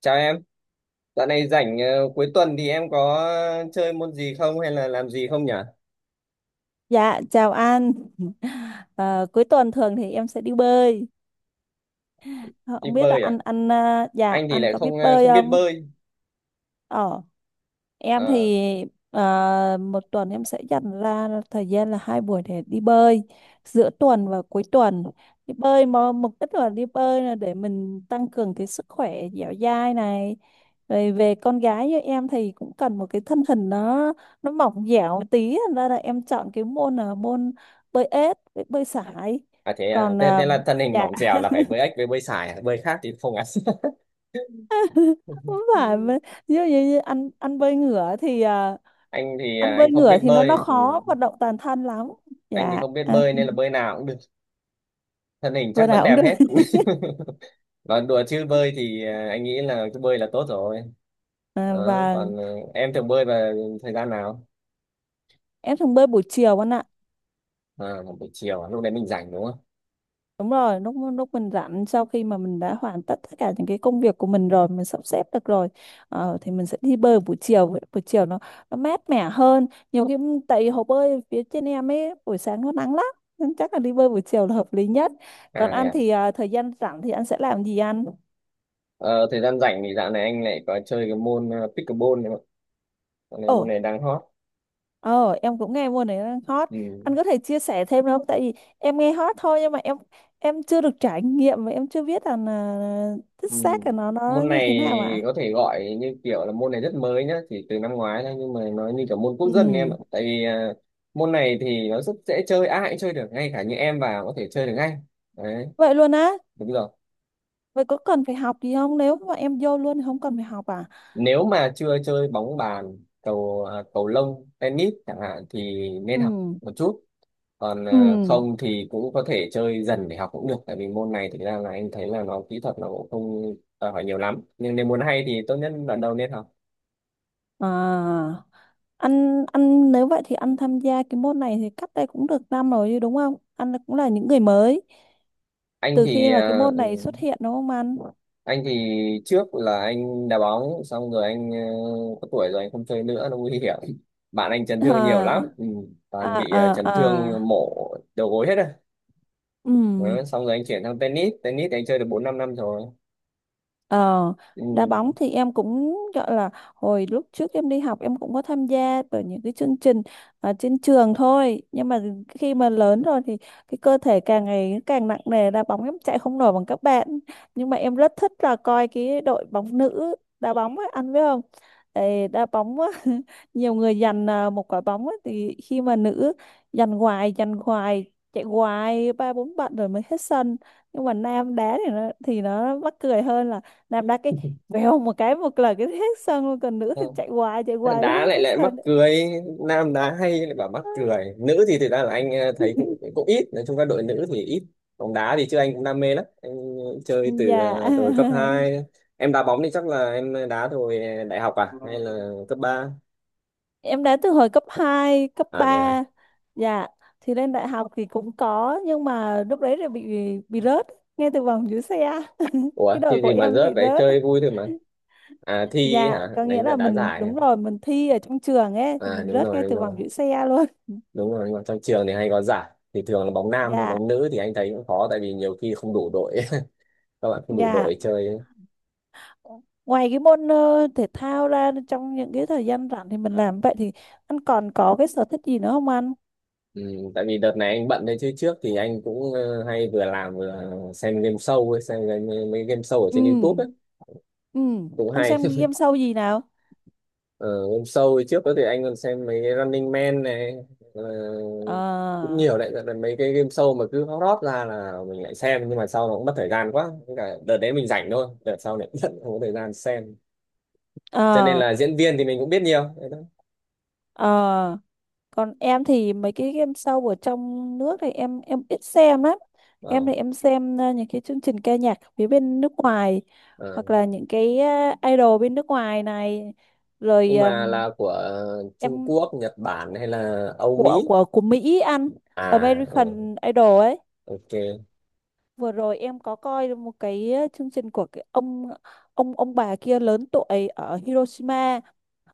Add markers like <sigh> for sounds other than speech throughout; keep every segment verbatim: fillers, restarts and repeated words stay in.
Chào em, dạo này rảnh ờ, cuối tuần thì em có chơi môn gì không hay là làm gì không nhỉ? Dạ, chào anh. <laughs> Ờ, Cuối tuần thường thì em sẽ đi bơi. Ờ, Đi không biết là bơi à? anh anh ờ, dạ Anh thì anh lại có biết không ờ, bơi không biết không? bơi. Ờ. Em Ờ, thì à, một tuần em sẽ dành ra thời gian là hai buổi để đi bơi giữa tuần và cuối tuần. Đi bơi mà mục đích là đi bơi là để mình tăng cường cái sức khỏe dẻo dai này. Rồi về con gái như em thì cũng cần một cái thân hình nó nó mỏng dẻo một tí, thành ra là em chọn cái môn là môn bơi ếch với bơi sải. à thế à, Còn thế, à, thế là thân hình dạ mỏng dẻo là phải bơi ếch với bơi sải, à? Bơi khác thì không ăn. <laughs> không <laughs> phải mà- như, như, như ăn ăn bơi ngửa thì ờ, Anh thì ăn à, bơi anh không ngửa biết thì nó nó bơi, ừ. khó vận động toàn thân lắm Anh thì dạ không biết à, bơi nên là bơi nào cũng được, thân hình bữa chắc vẫn nào cũng đẹp được hết. <laughs> <laughs> Còn đùa chứ bơi thì à, anh nghĩ là cứ bơi là tốt rồi. à, Đó, và còn ờ, em thường bơi vào thời gian nào? em thường bơi buổi chiều anh ạ. À, buổi chiều, à? Lúc đấy mình rảnh đúng không? Đúng rồi, lúc lúc mình rảnh sau khi mà mình đã hoàn tất tất cả những cái công việc của mình rồi, mình sắp xếp được rồi, ờ, thì mình sẽ đi bơi buổi chiều. Buổi chiều nó nó mát mẻ hơn nhiều khi, tại vì hồ bơi phía trên em ấy buổi sáng nó nắng lắm, nên chắc là đi bơi buổi chiều là hợp lý nhất. Còn À ăn nè. thì à, thời gian rảnh thì anh sẽ làm gì ăn? Ờ, thời gian rảnh thì dạo này anh lại có chơi cái môn ờ, pickleball nữa. Dạo này môn này đang hot. Ờ, em cũng nghe môn này đang hot. Ừ. Anh có thể chia sẻ thêm được không? Tại vì em nghe hot thôi, nhưng mà em em chưa được trải nghiệm, và em chưa biết là, là thích Ừ. xác là nó nó Môn như thế này nào ạ. có thể gọi như kiểu là môn này rất mới nhá, chỉ từ năm ngoái thôi nhưng mà nó như kiểu môn quốc Ừ. dân em ạ. Tại vì ờ, môn này thì nó rất dễ chơi, ai cũng chơi được, ngay cả như em vào có thể chơi được ngay. Đấy, Vậy luôn á? đúng rồi. Vậy có cần phải học gì không? Nếu mà em vô luôn thì không cần phải học à? Nếu mà chưa chơi bóng bàn cầu à, cầu lông tennis chẳng hạn thì nên Ừ. học một chút, còn Ừ. à, không thì cũng có thể chơi dần để học cũng được, tại vì môn này thực ra là anh thấy là nó kỹ thuật nó cũng không đòi hỏi nhiều lắm, nhưng nếu muốn hay thì tốt nhất đoạn đầu nên học. À, Anh anh nếu vậy thì anh tham gia cái môn này thì cách đây cũng được năm rồi chứ, đúng không? Anh cũng là những người mới Anh từ khi thì mà cái à, môn ừ, này xuất hiện đúng không anh? anh thì trước là anh đá bóng xong rồi anh ờ, có tuổi rồi anh không chơi nữa nó nguy hiểm. <laughs> Bạn anh chấn thương nhiều lắm, À ừ, à toàn bị ờ, à chấn thương à. mổ đầu gối hết rồi. Ừ. Đó, xong rồi anh chuyển sang tennis, tennis thì anh chơi được bốn năm năm rồi, Ờ, ừ. đá bóng thì em cũng gọi là hồi lúc trước em đi học em cũng có tham gia vào những cái chương trình ở trên trường thôi, nhưng mà khi mà lớn rồi thì cái cơ thể càng ngày càng nặng nề, đá bóng em chạy không nổi bằng các bạn. Nhưng mà em rất thích là coi cái đội bóng nữ đá bóng ấy, anh biết không? Ê, đá bóng á, <laughs> nhiều người giành à, một quả bóng ấy, thì khi mà nữ giành hoài giành hoài chạy hoài ba bốn bạn rồi mới hết sân. Nhưng mà nam đá thì nó thì nó mắc cười hơn, là đạp đá cái vèo một cái một là cái hết sân luôn, còn nữ thì Không. chạy hoài chạy hoài Đá hết lại cái lại mắc sân. cười, nam đá hay lại bảo mắc cười, nữ thì thực ra là anh ờ, thấy cũng, <laughs> cũng ít, nói chung các đội nữ thì ít bóng đá, thì chứ anh cũng đam mê lắm, anh ờ, chơi từ Dạ. ờ, từ cấp hai. <laughs> Em đá bóng thì chắc là em đá hồi đại học à hay là cấp ba? Em đá từ hồi cấp hai, cấp À thế à. ba. Dạ, thì lên đại học thì cũng có, nhưng mà lúc đấy là bị bị rớt ngay từ vòng dưới xe. <laughs> Ủa Cái đời thì của gì mà em bị rớt đấy, rớt. chơi vui thôi mà. À thi Dạ, hả, có nghĩa đánh là đá mình, giải hả? đúng rồi, mình thi ở trong trường ấy thì À mình đúng rớt rồi, ngay đúng từ rồi, vòng giữ xe luôn. đúng rồi, nhưng mà trong trường thì hay có giải thì thường là bóng nam thôi, Dạ. bóng nữ thì anh thấy cũng khó tại vì nhiều khi không đủ đội. <laughs> Các bạn không đủ Dạ, đội chơi ấy. ngoài cái môn ờ, thể thao ra, trong những cái thời gian rảnh thì mình làm vậy thì anh còn có cái sở thích gì nữa không anh? Ừ, tại vì đợt này anh bận, đấy chứ trước thì anh cũng ờ, hay vừa làm vừa xem game show ấy, xem game, mấy game show ở trên YouTube Ừ. ấy, Ừ, cũng anh hay. xem game show gì nào? <laughs> ờ, game show ấy, trước đó thì anh còn xem mấy cái Running Man này, ờ, cũng Ờ. nhiều đấy. Đợt- đợt mấy cái game show mà cứ hot hot ra là mình lại xem, nhưng mà sau nó cũng mất thời gian quá. Với cả đợt đấy mình rảnh thôi, đợt sau này <laughs> cũng không có thời gian xem, cho nên Ờ. là diễn viên thì mình cũng biết nhiều. Ờ. Còn em thì mấy cái game show ở trong nước thì em em ít xem lắm. Em Ờ, thì em xem ờ, những cái chương trình ca nhạc phía bên nước ngoài, ờ. hoặc là những cái ờ, idol bên nước ngoài này, rồi Nhưng mà ờm, là của ờ, Trung em Quốc, Nhật Bản hay là Âu của Mỹ? của của Mỹ anh. À, ừ, American Idol ấy. ok. Vừa rồi em có coi một cái ờ, chương trình của cái ông, ông ông bà kia lớn tuổi ở Hiroshima.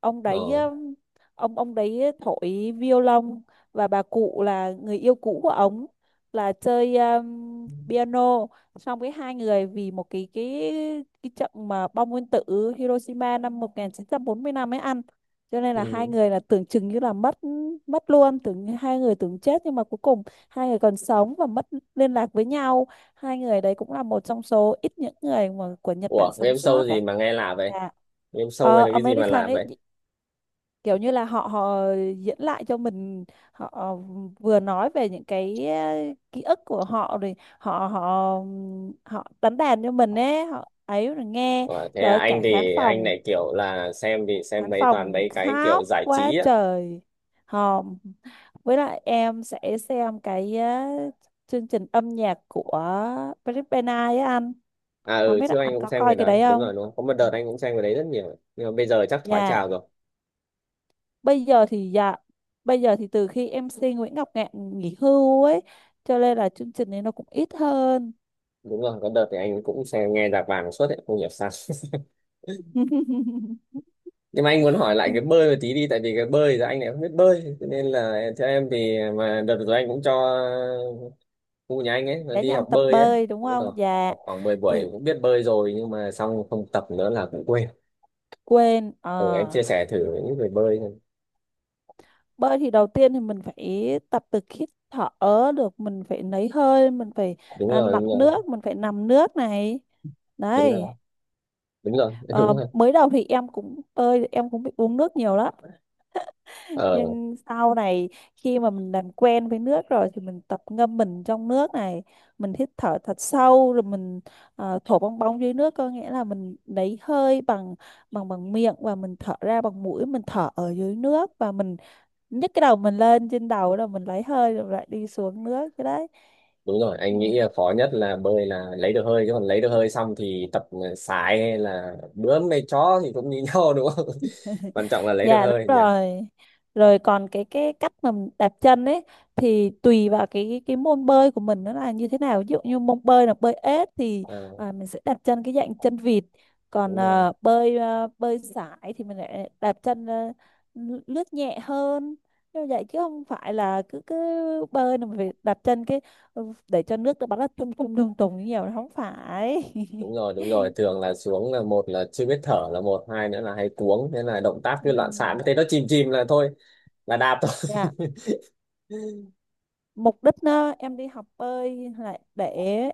Ông đấy Ờ. um, ông ông đấy thổi violon, và bà cụ là người yêu cũ của ông là chơi um, piano. Xong cái hai người vì một cái cái cái trận mà bom nguyên tử Hiroshima năm một chín bốn lăm ấy ăn, cho nên là hai Ừ. người là tưởng chừng như là mất mất luôn, tưởng như hai người tưởng chết, nhưng mà cuối cùng hai người còn sống và mất liên lạc với nhau. Hai người đấy cũng là một trong số ít những người mà của Nhật Bản Ủa, sống game sót show đấy. gì mà nghe lạ vậy? Dạ. Game show Ờ, hay là cái gì mà American lạ ấy, vậy? kiểu như là họ họ diễn lại cho mình, họ vừa nói về những cái eh, ký ức của họ, rồi họ họ họ đánh đàn cho mình ấy, họ ấy rồi nghe. Ủa, thế à, Rồi anh cả khán thì anh phòng, lại kiểu là xem thì xem khán mấy toàn phòng mấy cái kiểu khóc giải quá trí á. trời hòm. Với lại em sẽ xem cái eh, chương trình âm nhạc của Blackpink ấy anh, À không ừ, biết là trước anh anh cũng có xem cái coi cái đấy. đấy Đúng không. rồi, đúng không? Có một Ừ. đợt anh cũng xem cái đấy rất nhiều. Nhưng mà bây giờ chắc thoái Dạ, trào rồi. bây giờ thì dạ, bây giờ thì từ khi em MC Nguyễn Ngọc Ngạn nghỉ hưu ấy, cho nên là chương trình này nó cũng ít hơn. Đúng rồi, có đợt thì anh cũng xem nghe nhạc vàng suốt ấy, không hiểu sao. <laughs> <laughs> Nhưng mà anh muốn hỏi lại cái bơi một tí đi, tại vì cái bơi thì anh lại không biết bơi, cho nên là theo em thì mà đợt rồi anh cũng cho khu nhà anh ấy nó Để đi nhanh học tập bơi ấy. bơi đúng Thì bắt đầu không dạ? học khoảng mười Thì buổi cũng biết bơi rồi nhưng mà xong không tập nữa là cũng quên. quên Ừ, em ờ, chia sẻ thử với những người bơi xem. bơi thì đầu tiên thì mình phải tập từ khi thở được, mình phải lấy hơi, mình phải Đúng à, rồi, nặn đúng rồi, nước, mình phải nằm nước này, đúng đấy. rồi, đúng rồi, <laughs> Ờ, đúng rồi, mới đầu thì em cũng bơi em cũng bị uống nước nhiều lắm. ờ, Nhưng sau này khi mà mình làm quen với nước rồi thì mình tập ngâm mình trong nước này, mình hít thở thật sâu rồi mình ờ, thổi bong bóng dưới nước, có nghĩa là mình lấy hơi bằng bằng bằng miệng, và mình thở ra bằng mũi, mình thở ở dưới nước, và mình nhấc cái đầu mình lên trên đầu rồi mình lấy hơi rồi lại đi xuống nước cái đấy. đúng rồi, Ừ. anh nghĩ là khó nhất là bơi là lấy được hơi, chứ còn lấy được hơi xong thì tập sải hay là bướm hay chó thì cũng như nhau đúng không? <laughs> Quan trọng là lấy được Dạ đúng hơi nhỉ. rồi. Rồi còn cái cái cách mà mình đạp chân ấy thì tùy vào cái cái môn bơi của mình nó là như thế nào. Ví dụ như môn bơi là bơi ếch thì Ờ, à, mình sẽ đạp chân cái dạng chân vịt. Còn đúng rồi, à, bơi à, bơi sải thì mình lại đạp chân à, lướt lướt nhẹ hơn. Như vậy, chứ không phải là cứ cứ bơi là mình phải đạp chân cái ừ, để cho nước nó bắn ra tung tung tung tung nhiều, nó không phải. đúng rồi, đúng rồi, <laughs> thường là xuống là một là chưa biết thở, là một hai nữa là hay cuống, thế là động tác cứ loạn xạ, Ừm. thế nó chìm chìm là thôi là đạp thôi. Dạ. Mục đích á, em đi học bơi là để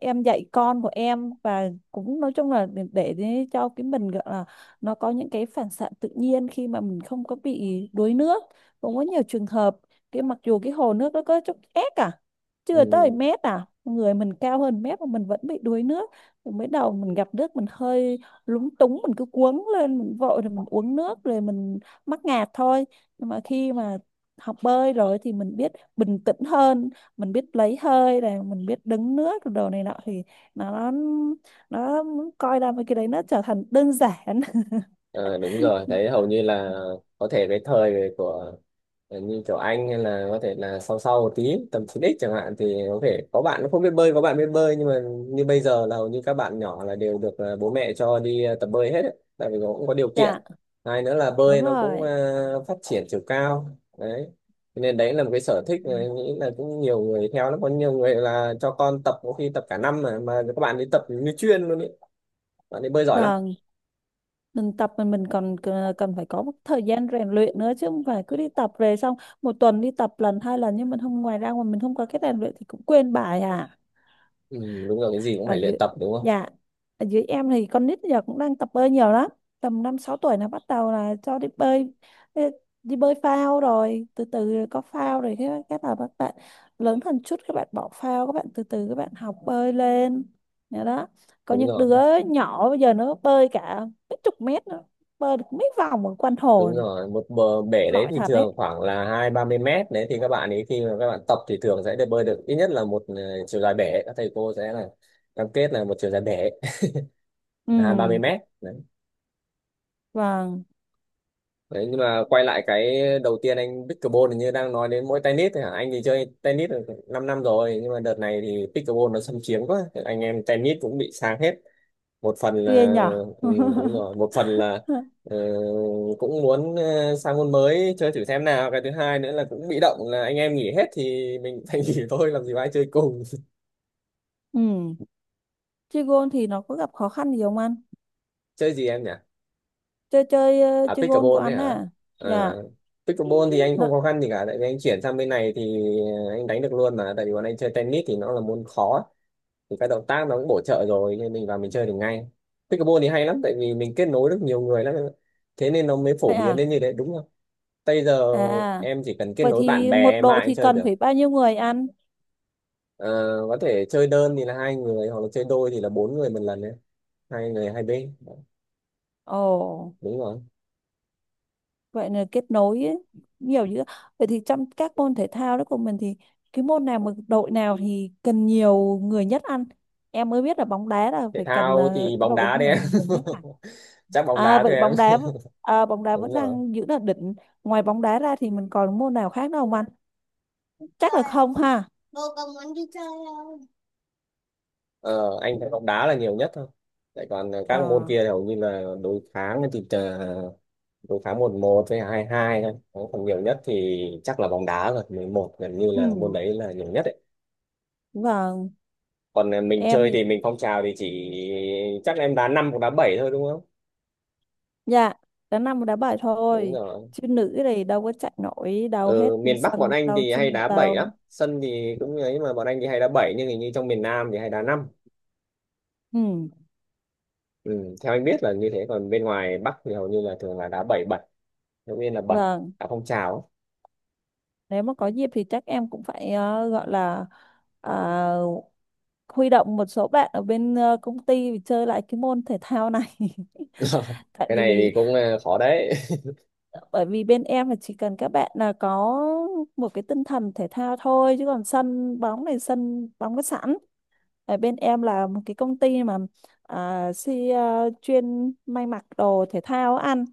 em dạy con của em, và cũng nói chung là để, để để cho cái mình gọi là nó có những cái phản xạ tự nhiên khi mà mình không có bị đuối nước. Cũng có nhiều trường hợp cái mặc dù cái hồ nước nó có chút ép à, <laughs> chưa tới Ừ. mét à, người mình cao hơn mét mà mình vẫn bị đuối nước. Thì mới đầu mình gặp nước mình hơi lúng túng, mình cứ cuống lên, mình vội rồi mình uống nước rồi mình mắc ngạt thôi. Nhưng mà khi mà học bơi rồi thì mình biết bình tĩnh hơn, mình biết lấy hơi này, mình biết đứng nước đồ này nọ, thì nó nó coi ra mấy cái đấy nó trở thành đơn giản. <laughs> Ờ, đúng rồi, thấy hầu như là có thể cái thời của ờ, như kiểu anh, hay là có thể là sau sau một tí tầm chín ích chẳng hạn thì có thể có bạn nó không biết bơi, có bạn biết bơi, nhưng mà như bây giờ là hầu như các bạn nhỏ là đều được ờ, bố mẹ cho đi ờ, tập bơi hết ấy. Tại vì nó cũng có điều kiện, Dạ hai nữa là đúng bơi nó cũng rồi. ờ, phát triển chiều cao đấy. Cho nên đấy là một cái sở thích Ừ. mà em nghĩ là cũng nhiều người theo lắm, có nhiều người là cho con tập có khi tập cả năm mà mà các bạn ấy tập như chuyên luôn ấy, bạn ấy bơi giỏi lắm. Vâng, mình tập mà mình còn c- cần phải có một thời gian rèn luyện nữa, chứ không phải cứ đi tập về xong một tuần đi tập lần hai lần, nhưng mình không, ngoài ra mà mình không có cái rèn luyện thì cũng quên bài à. Ừ, đúng rồi, cái gì cũng Ở phải luyện dưới, tập đúng không? dạ, ở dưới em thì con nít giờ cũng đang tập bơi nhiều lắm. Tầm năm sáu tuổi là bắt đầu là cho đi bơi, đi, đi bơi phao, rồi từ từ rồi có phao, rồi cái các là các bạn lớn hơn chút các bạn bỏ phao, các bạn từ từ các bạn học bơi lên. Nhớ đó, có Đúng những rồi, đứa nhỏ bây giờ nó bơi cả mấy chục mét nữa, bơi được mấy vòng ở quanh hồ. đúng rồi, một bờ bể đấy Giỏi thì thật đấy. thường khoảng là hai ba mươi mét đấy, thì các bạn ấy khi mà các bạn tập thì thường sẽ được bơi được ít nhất là một ờ, chiều dài bể, các thầy cô sẽ là cam kết là một chiều dài bể <laughs> Ừ. là hai ba mươi mét đấy. Vâng. Đấy, nhưng mà quay lại cái đầu tiên anh pickleball, hình như đang nói đến mỗi tennis thôi hả, anh thì chơi tennis được 5 năm năm rồi nhưng mà đợt này thì pickleball nó xâm chiếm quá, anh em tennis cũng bị sang hết. Một phần Ghê là nhở. ừ, đúng rồi, <laughs> một phần là ờ, cũng muốn ờ, sang môn mới chơi thử xem nào, cái thứ hai nữa là cũng bị động là anh em nghỉ hết thì mình phải <laughs> nghỉ thôi, làm gì có ai chơi cùng. Ừ. Chơi gôn thì nó có gặp khó khăn gì không anh? <laughs> Chơi gì em nhỉ? Chơi chơi ờ, À chơi gôn của pickleball đấy anh hả. à? Ờ, Dạ. pickleball thì anh không Nó- khó khăn gì cả, tại vì anh chuyển sang bên này thì ờ, anh đánh được luôn mà, tại vì bọn anh chơi tennis thì nó là môn khó thì các động tác nó cũng bổ trợ rồi, nên mình vào mình chơi được ngay. Pickleball thì hay lắm tại vì mình kết nối được nhiều người lắm em ạ. Thế nên nó mới phổ vậy biến à. đến như thế đúng không? Bây giờ À à. em chỉ cần kết Vậy nối bạn thì bè một em đội ai cũng thì chơi cần được. phải bao nhiêu người ăn? Ờ, có thể chơi đơn thì là hai người, hoặc là chơi đôi thì là bốn người một lần đấy. Hai người hai bên. Ồ. Đúng rồi. Vậy là kết nối ấy. Nhiều dữ. Vậy thì trong các môn thể thao đó của mình thì cái môn nào mà đội nào thì cần nhiều người nhất ăn? Em mới biết là bóng đá là Thể phải cần thao ờ, thì cái bóng đội đấy đá đấy nhiều em. người nhất phải. <laughs> Chắc bóng À đá vậy thôi em. bóng đá v- à, bóng đá Đúng vẫn rồi. đang giữ là đỉnh. Ngoài bóng đá ra thì mình còn môn nào khác đâu không anh? Chơi Chắc là à? không ha. Bố công muốn đi chơi đâu. Ờ, anh thấy bóng đá là nhiều nhất thôi. Tại còn các môn Ờ. kia thì hầu như là đối kháng, thì ờ, đối kháng một một với hai hai thôi. Còn nhiều nhất thì chắc là bóng đá rồi. Mười một gần như là môn Ừ. đấy là nhiều nhất đấy. Vâng. Còn à, mình Em chơi thì thì mình phong trào thì chỉ chắc em đá năm hoặc đá bảy thôi đúng không? dạ đá nam đá bài Đúng thôi, rồi. chứ nữ thì đâu có chạy nổi đâu hết Ừ, miền Bắc bọn sân anh đâu thì hay chuyên nghiệp đá bảy đâu. lắm, sân thì cũng như ấy mà, bọn anh thì hay đá bảy, nhưng hình như trong miền Nam thì hay đá năm. Ừ. Ừ, theo anh biết là như thế, còn bên ngoài Bắc thì hầu như là thường là đá bảy bảy, đầu tiên là bảy, Vâng, đá phong trào nếu mà có dịp thì chắc em cũng phải ờ, gọi là à, huy động một số bạn ở bên ờ, công ty để chơi lại cái môn thể thao này. ấy. <laughs> <laughs> Tại Cái này thì vì, cũng à, khó đấy. <laughs> bởi vì bên em là chỉ cần các bạn là có một cái tinh thần thể thao thôi, chứ còn sân bóng này, sân bóng có sẵn. Ở bên em là một cái công ty mà à, si, à, chuyên may mặc đồ thể thao ăn.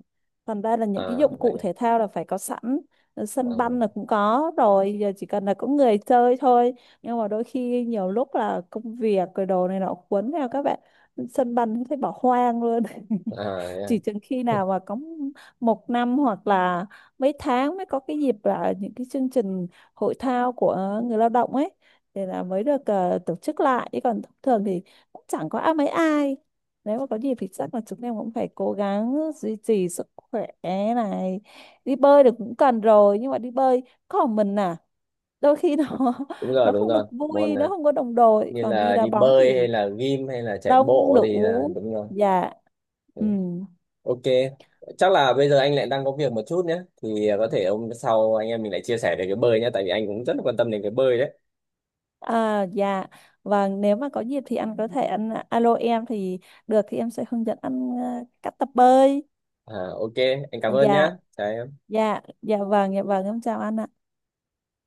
Thành ra là những cái À dụng vậy cụ à, thể thao là phải có sẵn. Ờ, ờ. sân banh là cũng có rồi, giờ chỉ cần là có người chơi thôi. Nhưng mà đôi khi nhiều lúc là công việc rồi đồ này nọ cuốn theo các bạn. Sân banh cũng thấy bỏ hoang luôn. À, <laughs> thế à, Chỉ chừng khi <laughs> yeah. nào mà có một năm hoặc là mấy tháng mới có cái dịp là những cái chương trình hội thao của người lao động ấy thì là mới được ờ, tổ chức lại, chứ còn thông thường thì cũng chẳng có ai, mấy ai. Nếu mà có dịp thì chắc là chúng em cũng phải cố gắng duy trì sức khỏe này. Đi bơi được cũng cần rồi, nhưng mà đi bơi còn mình à, đôi khi nó Đúng <laughs> rồi, nó đúng không được rồi, vui, môn nó à, không có đồng đội, như còn đi là đá đi bóng bơi hay thì là gym hay là chạy đông bộ thì là đủ. đúng rồi. Dạ. Ừ. Ừ. Ok, chắc là bây giờ anh lại đang có việc một chút nhé. Thì à, có thể hôm sau anh em mình lại chia sẻ về cái bơi nhé. Tại vì anh cũng rất là quan tâm đến cái bơi đấy. À, dạ vâng, nếu mà có dịp thì anh có thể anh à, alo em thì được thì em sẽ hướng dẫn anh ờ, cách tập bơi. À, ok, anh cảm ơn nhé. Dạ. Đấy, Dạ dạ vâng, dạ vâng, em chào anh ạ.